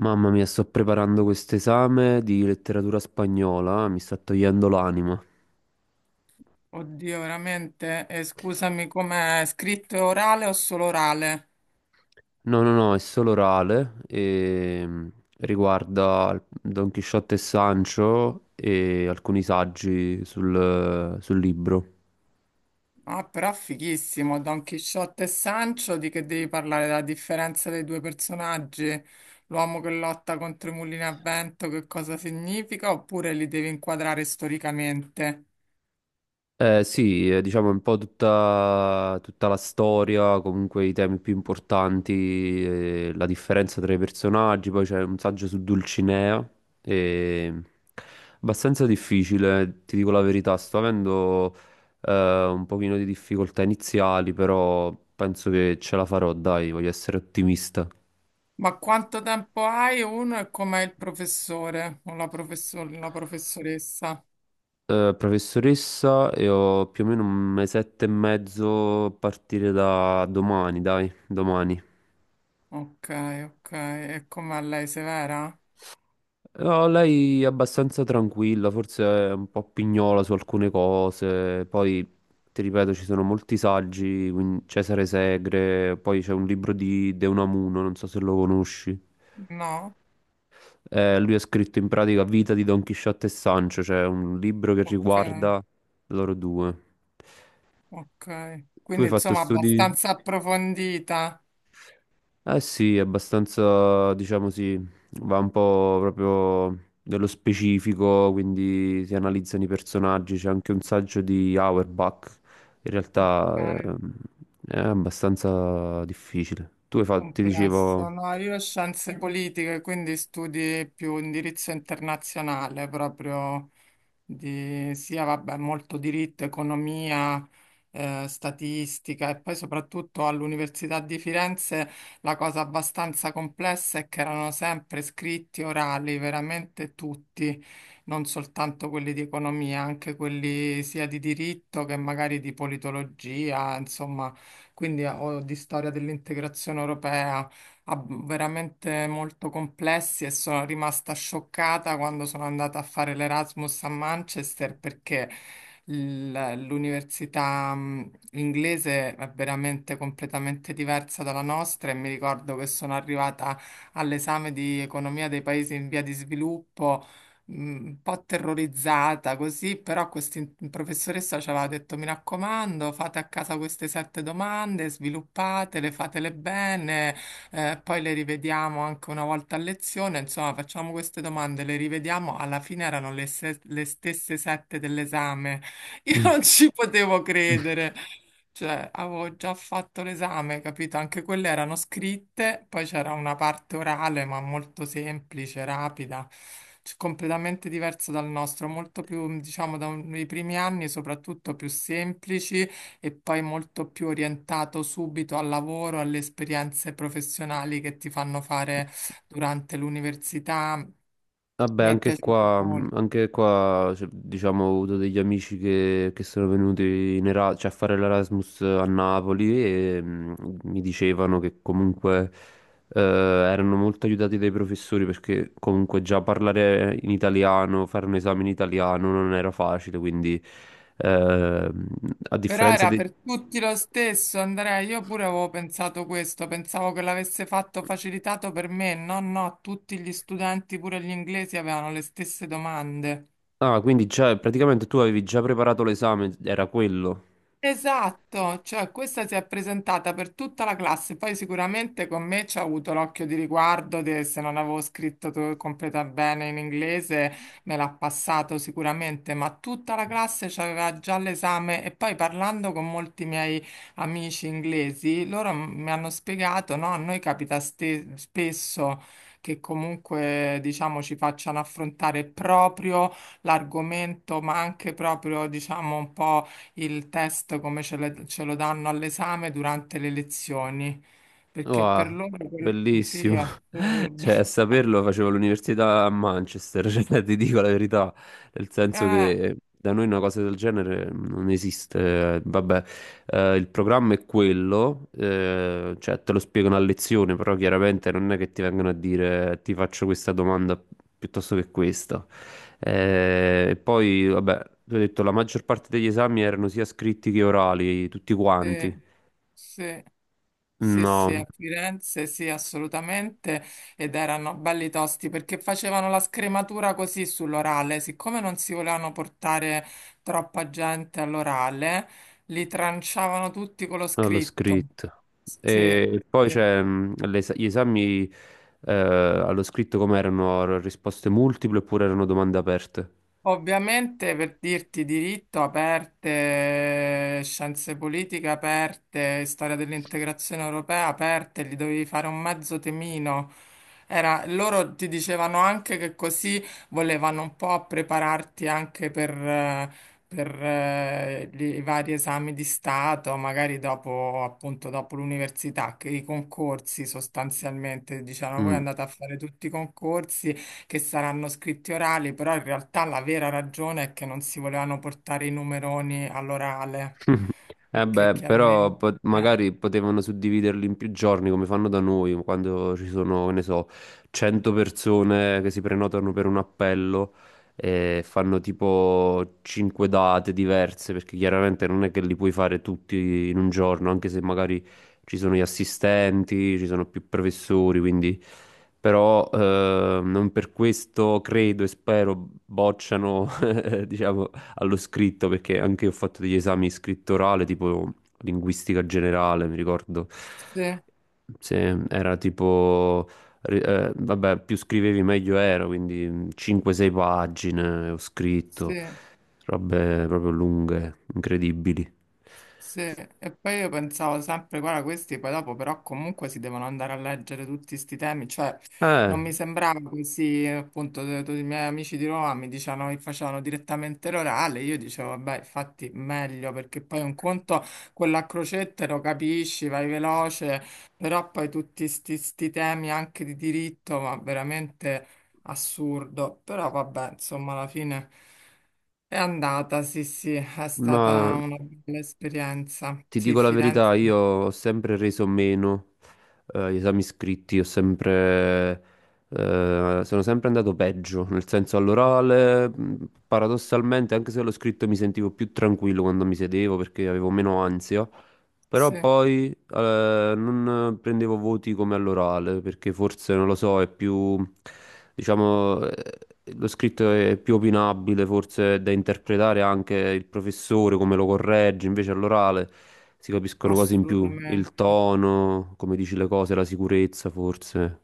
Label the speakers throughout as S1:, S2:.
S1: Mamma mia, sto preparando questo esame di letteratura spagnola, mi sta togliendo l'anima.
S2: Oddio, veramente? E scusami, com'è scritto orale o solo orale?
S1: No, no, no, è solo orale e riguarda Don Chisciotte e Sancho e alcuni saggi sul libro.
S2: Ah, però fighissimo, Don Chisciotte e Sancho, di che devi parlare? La differenza dei due personaggi? L'uomo che lotta contro i mulini a vento, che cosa significa? Oppure li devi inquadrare storicamente?
S1: Sì, diciamo un po' tutta la storia, comunque i temi più importanti, la differenza tra i personaggi, poi c'è un saggio su Dulcinea, e... abbastanza difficile, ti dico la verità, sto avendo un pochino di difficoltà iniziali, però penso che ce la farò, dai, voglio essere ottimista.
S2: Ma quanto tempo hai uno e com'è il professore o la professoressa?
S1: Professoressa, e ho più o meno un mesetto e mezzo a partire da domani, dai, domani.
S2: Ok, ok. E com'è lei, severa?
S1: No, lei è abbastanza tranquilla, forse è un po' pignola su alcune cose, poi ti ripeto ci sono molti saggi, quindi Cesare Segre, poi c'è un libro di De Unamuno, non so se lo conosci.
S2: No?
S1: Lui ha scritto in pratica Vita di Don Chisciotte e Sancho, cioè un libro che
S2: Ok.
S1: riguarda loro due.
S2: Ok,
S1: Tu hai
S2: quindi
S1: fatto
S2: insomma
S1: studi?
S2: abbastanza approfondita,
S1: Eh sì, è abbastanza, diciamo sì, va un po' proprio dello specifico, quindi si analizzano i personaggi, c'è anche un saggio di Auerbach, in
S2: ok,
S1: realtà è abbastanza difficile. Tu hai fatto, ti
S2: complessa.
S1: dicevo...
S2: No, io ho scienze politiche, quindi studi più indirizzo internazionale proprio. Di sia vabbè, molto diritto, economia, statistica e poi soprattutto all'Università di Firenze la cosa abbastanza complessa è che erano sempre scritti orali, veramente tutti, non soltanto quelli di economia, anche quelli sia di diritto che magari di politologia, insomma, quindi o di storia dell'integrazione europea ah, veramente molto complessi. E sono rimasta scioccata quando sono andata a fare l'Erasmus a Manchester, perché l'università inglese è veramente completamente diversa dalla nostra, e mi ricordo che sono arrivata all'esame di economia dei paesi in via di sviluppo. Un po' terrorizzata così, però questa professoressa ci aveva detto: mi raccomando, fate a casa queste sette domande, sviluppatele, fatele bene, poi le rivediamo anche una volta a lezione, insomma facciamo queste domande, le rivediamo, alla fine erano le, se- le stesse sette dell'esame, io
S1: Mhm.
S2: non ci potevo credere, cioè avevo già fatto l'esame, capito? Anche quelle erano scritte, poi c'era una parte orale ma molto semplice, rapida. Completamente diverso dal nostro, molto più, diciamo, dai primi anni, soprattutto più semplici, e poi molto più orientato subito al lavoro, alle esperienze professionali che ti fanno fare durante l'università.
S1: Vabbè,
S2: Mi è
S1: anche
S2: piaciuto
S1: qua,
S2: molto.
S1: anche qua, cioè, diciamo, ho avuto degli amici che sono venuti cioè, a fare l'Erasmus a Napoli e mi dicevano che comunque erano molto aiutati dai professori perché comunque già parlare in italiano, fare un esame in italiano non era facile, quindi eh, a
S2: Però
S1: differenza
S2: era
S1: dei...
S2: per tutti lo stesso, Andrea. Io pure avevo pensato questo, pensavo che l'avesse fatto facilitato per me. No, no, tutti gli studenti, pure gli inglesi, avevano le stesse domande.
S1: Ah, quindi già, praticamente tu avevi già preparato l'esame, era quello.
S2: Esatto, cioè questa si è presentata per tutta la classe, poi sicuramente con me ci ha avuto l'occhio di riguardo, se non avevo scritto completa bene in inglese me l'ha passato sicuramente, ma tutta la classe c'aveva già l'esame. E poi parlando con molti miei amici inglesi, loro mi hanno spiegato, no, a noi capita spesso che comunque diciamo ci facciano affrontare proprio l'argomento, ma anche proprio diciamo un po' il test come ce lo danno all'esame durante le lezioni, perché per
S1: Wow,
S2: loro sì,
S1: bellissimo.
S2: è assurdo.
S1: Cioè, a saperlo facevo l'università a Manchester, cioè, ti dico la verità, nel senso
S2: Eh,
S1: che da noi una cosa del genere non esiste. Vabbè, il programma è quello, cioè te lo spiegano a lezione, però chiaramente non è che ti vengono a dire ti faccio questa domanda piuttosto che questa. E poi, vabbè, ti ho detto, la maggior parte degli esami erano sia scritti che orali, tutti
S2: sì,
S1: quanti.
S2: sì. Sì, sì,
S1: No.
S2: a Firenze sì, assolutamente. Ed erano belli tosti perché facevano la scrematura così sull'orale. Siccome non si volevano portare troppa gente all'orale, li tranciavano tutti con lo
S1: No, l'ho
S2: scritto.
S1: scritto.
S2: Sì,
S1: E poi
S2: sì.
S1: c'è gli esami allo scritto come erano? Risposte multiple oppure erano domande aperte?
S2: Ovviamente per dirti diritto aperte, scienze politiche aperte, storia dell'integrazione europea aperte, gli dovevi fare un mezzo temino. Loro ti dicevano anche che così volevano un po' prepararti anche per i vari esami di Stato, magari dopo, appunto, dopo l'università, che i concorsi sostanzialmente, dicevano voi
S1: Mm.
S2: andate a fare tutti i concorsi che saranno scritti orali, però in realtà la vera ragione è che non si volevano portare i numeroni all'orale,
S1: Eh
S2: perché
S1: beh, però
S2: chiaramente... eh,
S1: magari potevano suddividerli in più giorni come fanno da noi, quando ci sono, che ne so, 100 persone che si prenotano per un appello e fanno tipo 5 date diverse, perché chiaramente non è che li puoi fare tutti in un giorno, anche se magari ci sono gli assistenti, ci sono più professori, quindi però non per questo credo e spero bocciano, diciamo, allo scritto, perché anche io ho fatto degli esami scrittorale, tipo linguistica generale, mi ricordo.
S2: sì,
S1: Se era tipo, vabbè, più scrivevi meglio era, quindi 5-6 pagine ho scritto,
S2: sì.
S1: robe proprio lunghe, incredibili.
S2: Sì, e poi io pensavo sempre, guarda, questi poi dopo però comunque si devono andare a leggere tutti questi temi, cioè
S1: Eh,
S2: non mi sembrava così, appunto, tutti i miei amici di Roma mi dicevano che facevano direttamente l'orale, io dicevo, vabbè, infatti meglio, perché poi un conto, quella a crocette lo capisci, vai veloce, però poi tutti sti temi anche di diritto, ma veramente assurdo, però vabbè, insomma, alla fine è andata, sì, sì, è
S1: ma
S2: stata una bella esperienza.
S1: ti
S2: Sì,
S1: dico la
S2: Firenze,
S1: verità, io ho sempre reso meno gli esami scritti, ho sempre, sono sempre andato peggio, nel senso all'orale, paradossalmente, anche se l'ho scritto mi sentivo più tranquillo quando mi sedevo perché avevo meno ansia,
S2: sì,
S1: però poi non prendevo voti come all'orale, perché forse, non lo so, è più, diciamo, lo scritto è più opinabile, forse è da interpretare anche il professore come lo corregge, invece all'orale si capiscono cose in più, il
S2: assolutamente.
S1: tono, come dici le cose, la sicurezza, forse.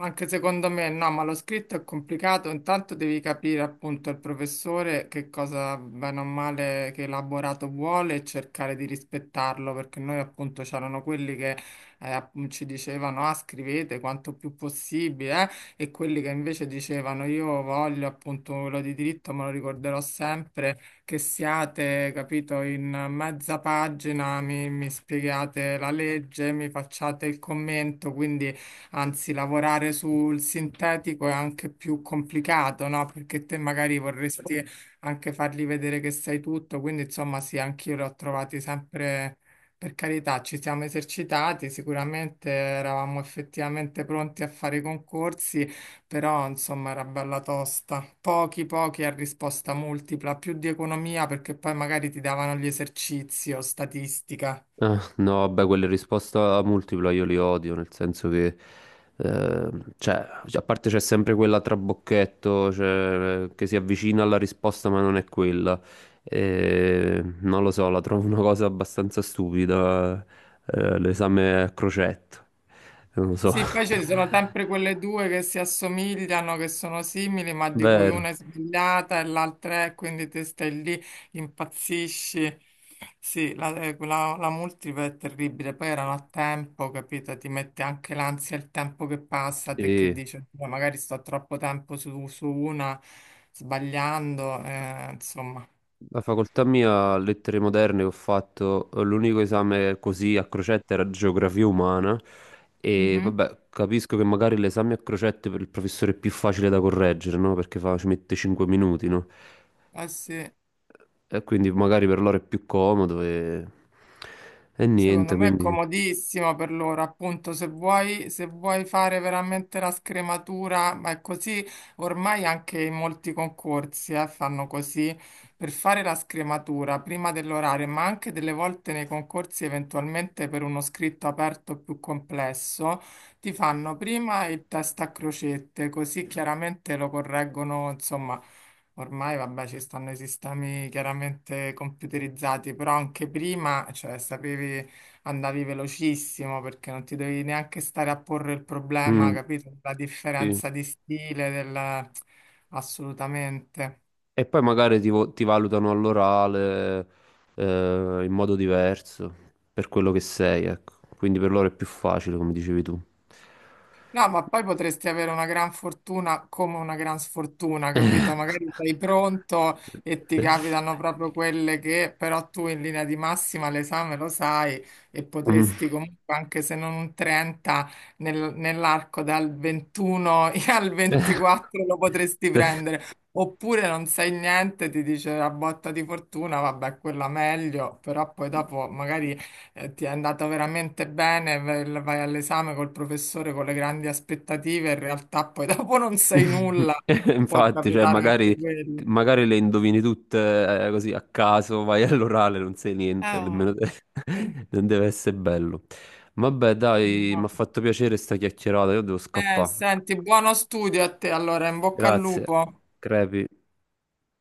S2: Anche secondo me no, ma lo scritto è complicato. Intanto devi capire appunto il professore che cosa bene o male, che elaborato vuole e cercare di rispettarlo, perché noi appunto c'erano quelli che ci dicevano ah, scrivete quanto più possibile e quelli che invece dicevano io voglio appunto quello di diritto, me lo ricorderò sempre, che siate, capito, in mezza pagina, mi spiegate la legge, mi facciate il commento, quindi anzi, lavorare sul sintetico è anche più complicato, no? Perché te magari vorresti anche fargli vedere che sai tutto, quindi insomma sì, anch'io l'ho trovati sempre, per carità, ci siamo esercitati, sicuramente eravamo effettivamente pronti a fare i concorsi, però insomma era bella tosta. Pochi, pochi a risposta multipla, più di economia perché poi magari ti davano gli esercizi o statistica.
S1: Ah, no, vabbè, quelle risposte a multipla io le odio, nel senso che, eh, cioè, a parte c'è sempre quella trabocchetto, cioè, che si avvicina alla risposta ma non è quella. E, non lo so, la trovo una cosa abbastanza stupida, l'esame a crocetto, non lo so.
S2: Sì, poi ci sono sempre quelle due che si assomigliano, che sono simili, ma di cui
S1: Vero,
S2: una è sbagliata e l'altra è, quindi te stai lì, impazzisci. Sì, la multipla è terribile, poi erano a tempo, capito? Ti mette anche l'ansia il tempo che passa, te che
S1: sì.
S2: dici, "Oddio, magari sto troppo tempo su una, sbagliando, insomma.
S1: La facoltà mia, lettere moderne, ho fatto l'unico esame così a crocette era geografia umana e
S2: Mhm.
S1: vabbè, capisco che magari l'esame a crocette per il professore è più facile da correggere, no? Perché ci mette 5 minuti, no?
S2: Eh sì.
S1: E quindi magari per loro è più comodo e
S2: Secondo
S1: niente,
S2: me è
S1: quindi...
S2: comodissimo per loro, appunto, se vuoi fare veramente la scrematura, ma è così, ormai anche in molti concorsi, fanno così, per fare la scrematura prima dell'orario, ma anche delle volte nei concorsi eventualmente per uno scritto aperto più complesso, ti fanno prima il test a crocette, così chiaramente lo correggono, insomma. Ormai, vabbè, ci stanno i sistemi chiaramente computerizzati, però anche prima, cioè, sapevi andavi velocissimo perché non ti dovevi neanche stare a porre il problema,
S1: Mm,
S2: capito? La
S1: sì.
S2: differenza di stile, del... assolutamente.
S1: E poi magari ti valutano all'orale in modo diverso per quello che sei, ecco. Quindi per loro è più facile, come dicevi tu.
S2: No, ma poi potresti avere una gran fortuna come una gran sfortuna, capito? Magari sei pronto e ti capitano proprio quelle che però tu in linea di massima l'esame lo sai e
S1: Mm.
S2: potresti comunque, anche se non un 30, nell'arco dal 21 al 24 lo potresti prendere. Oppure non sai niente, ti dice la botta di fortuna, vabbè, quella meglio, però poi dopo magari ti è andato veramente bene, vai all'esame col professore con le grandi aspettative, in realtà poi dopo non sai nulla, può
S1: Infatti, cioè,
S2: capitare anche
S1: magari,
S2: quello.
S1: magari le indovini tutte così a caso, vai all'orale, non sai niente,
S2: Oh,
S1: nemmeno te.
S2: sì,
S1: Non deve essere bello. Vabbè, dai, mi ha
S2: no.
S1: fatto piacere sta chiacchierata, io devo scappare.
S2: Senti, buono studio a te, allora, in bocca al
S1: Grazie,
S2: lupo.
S1: Crepi.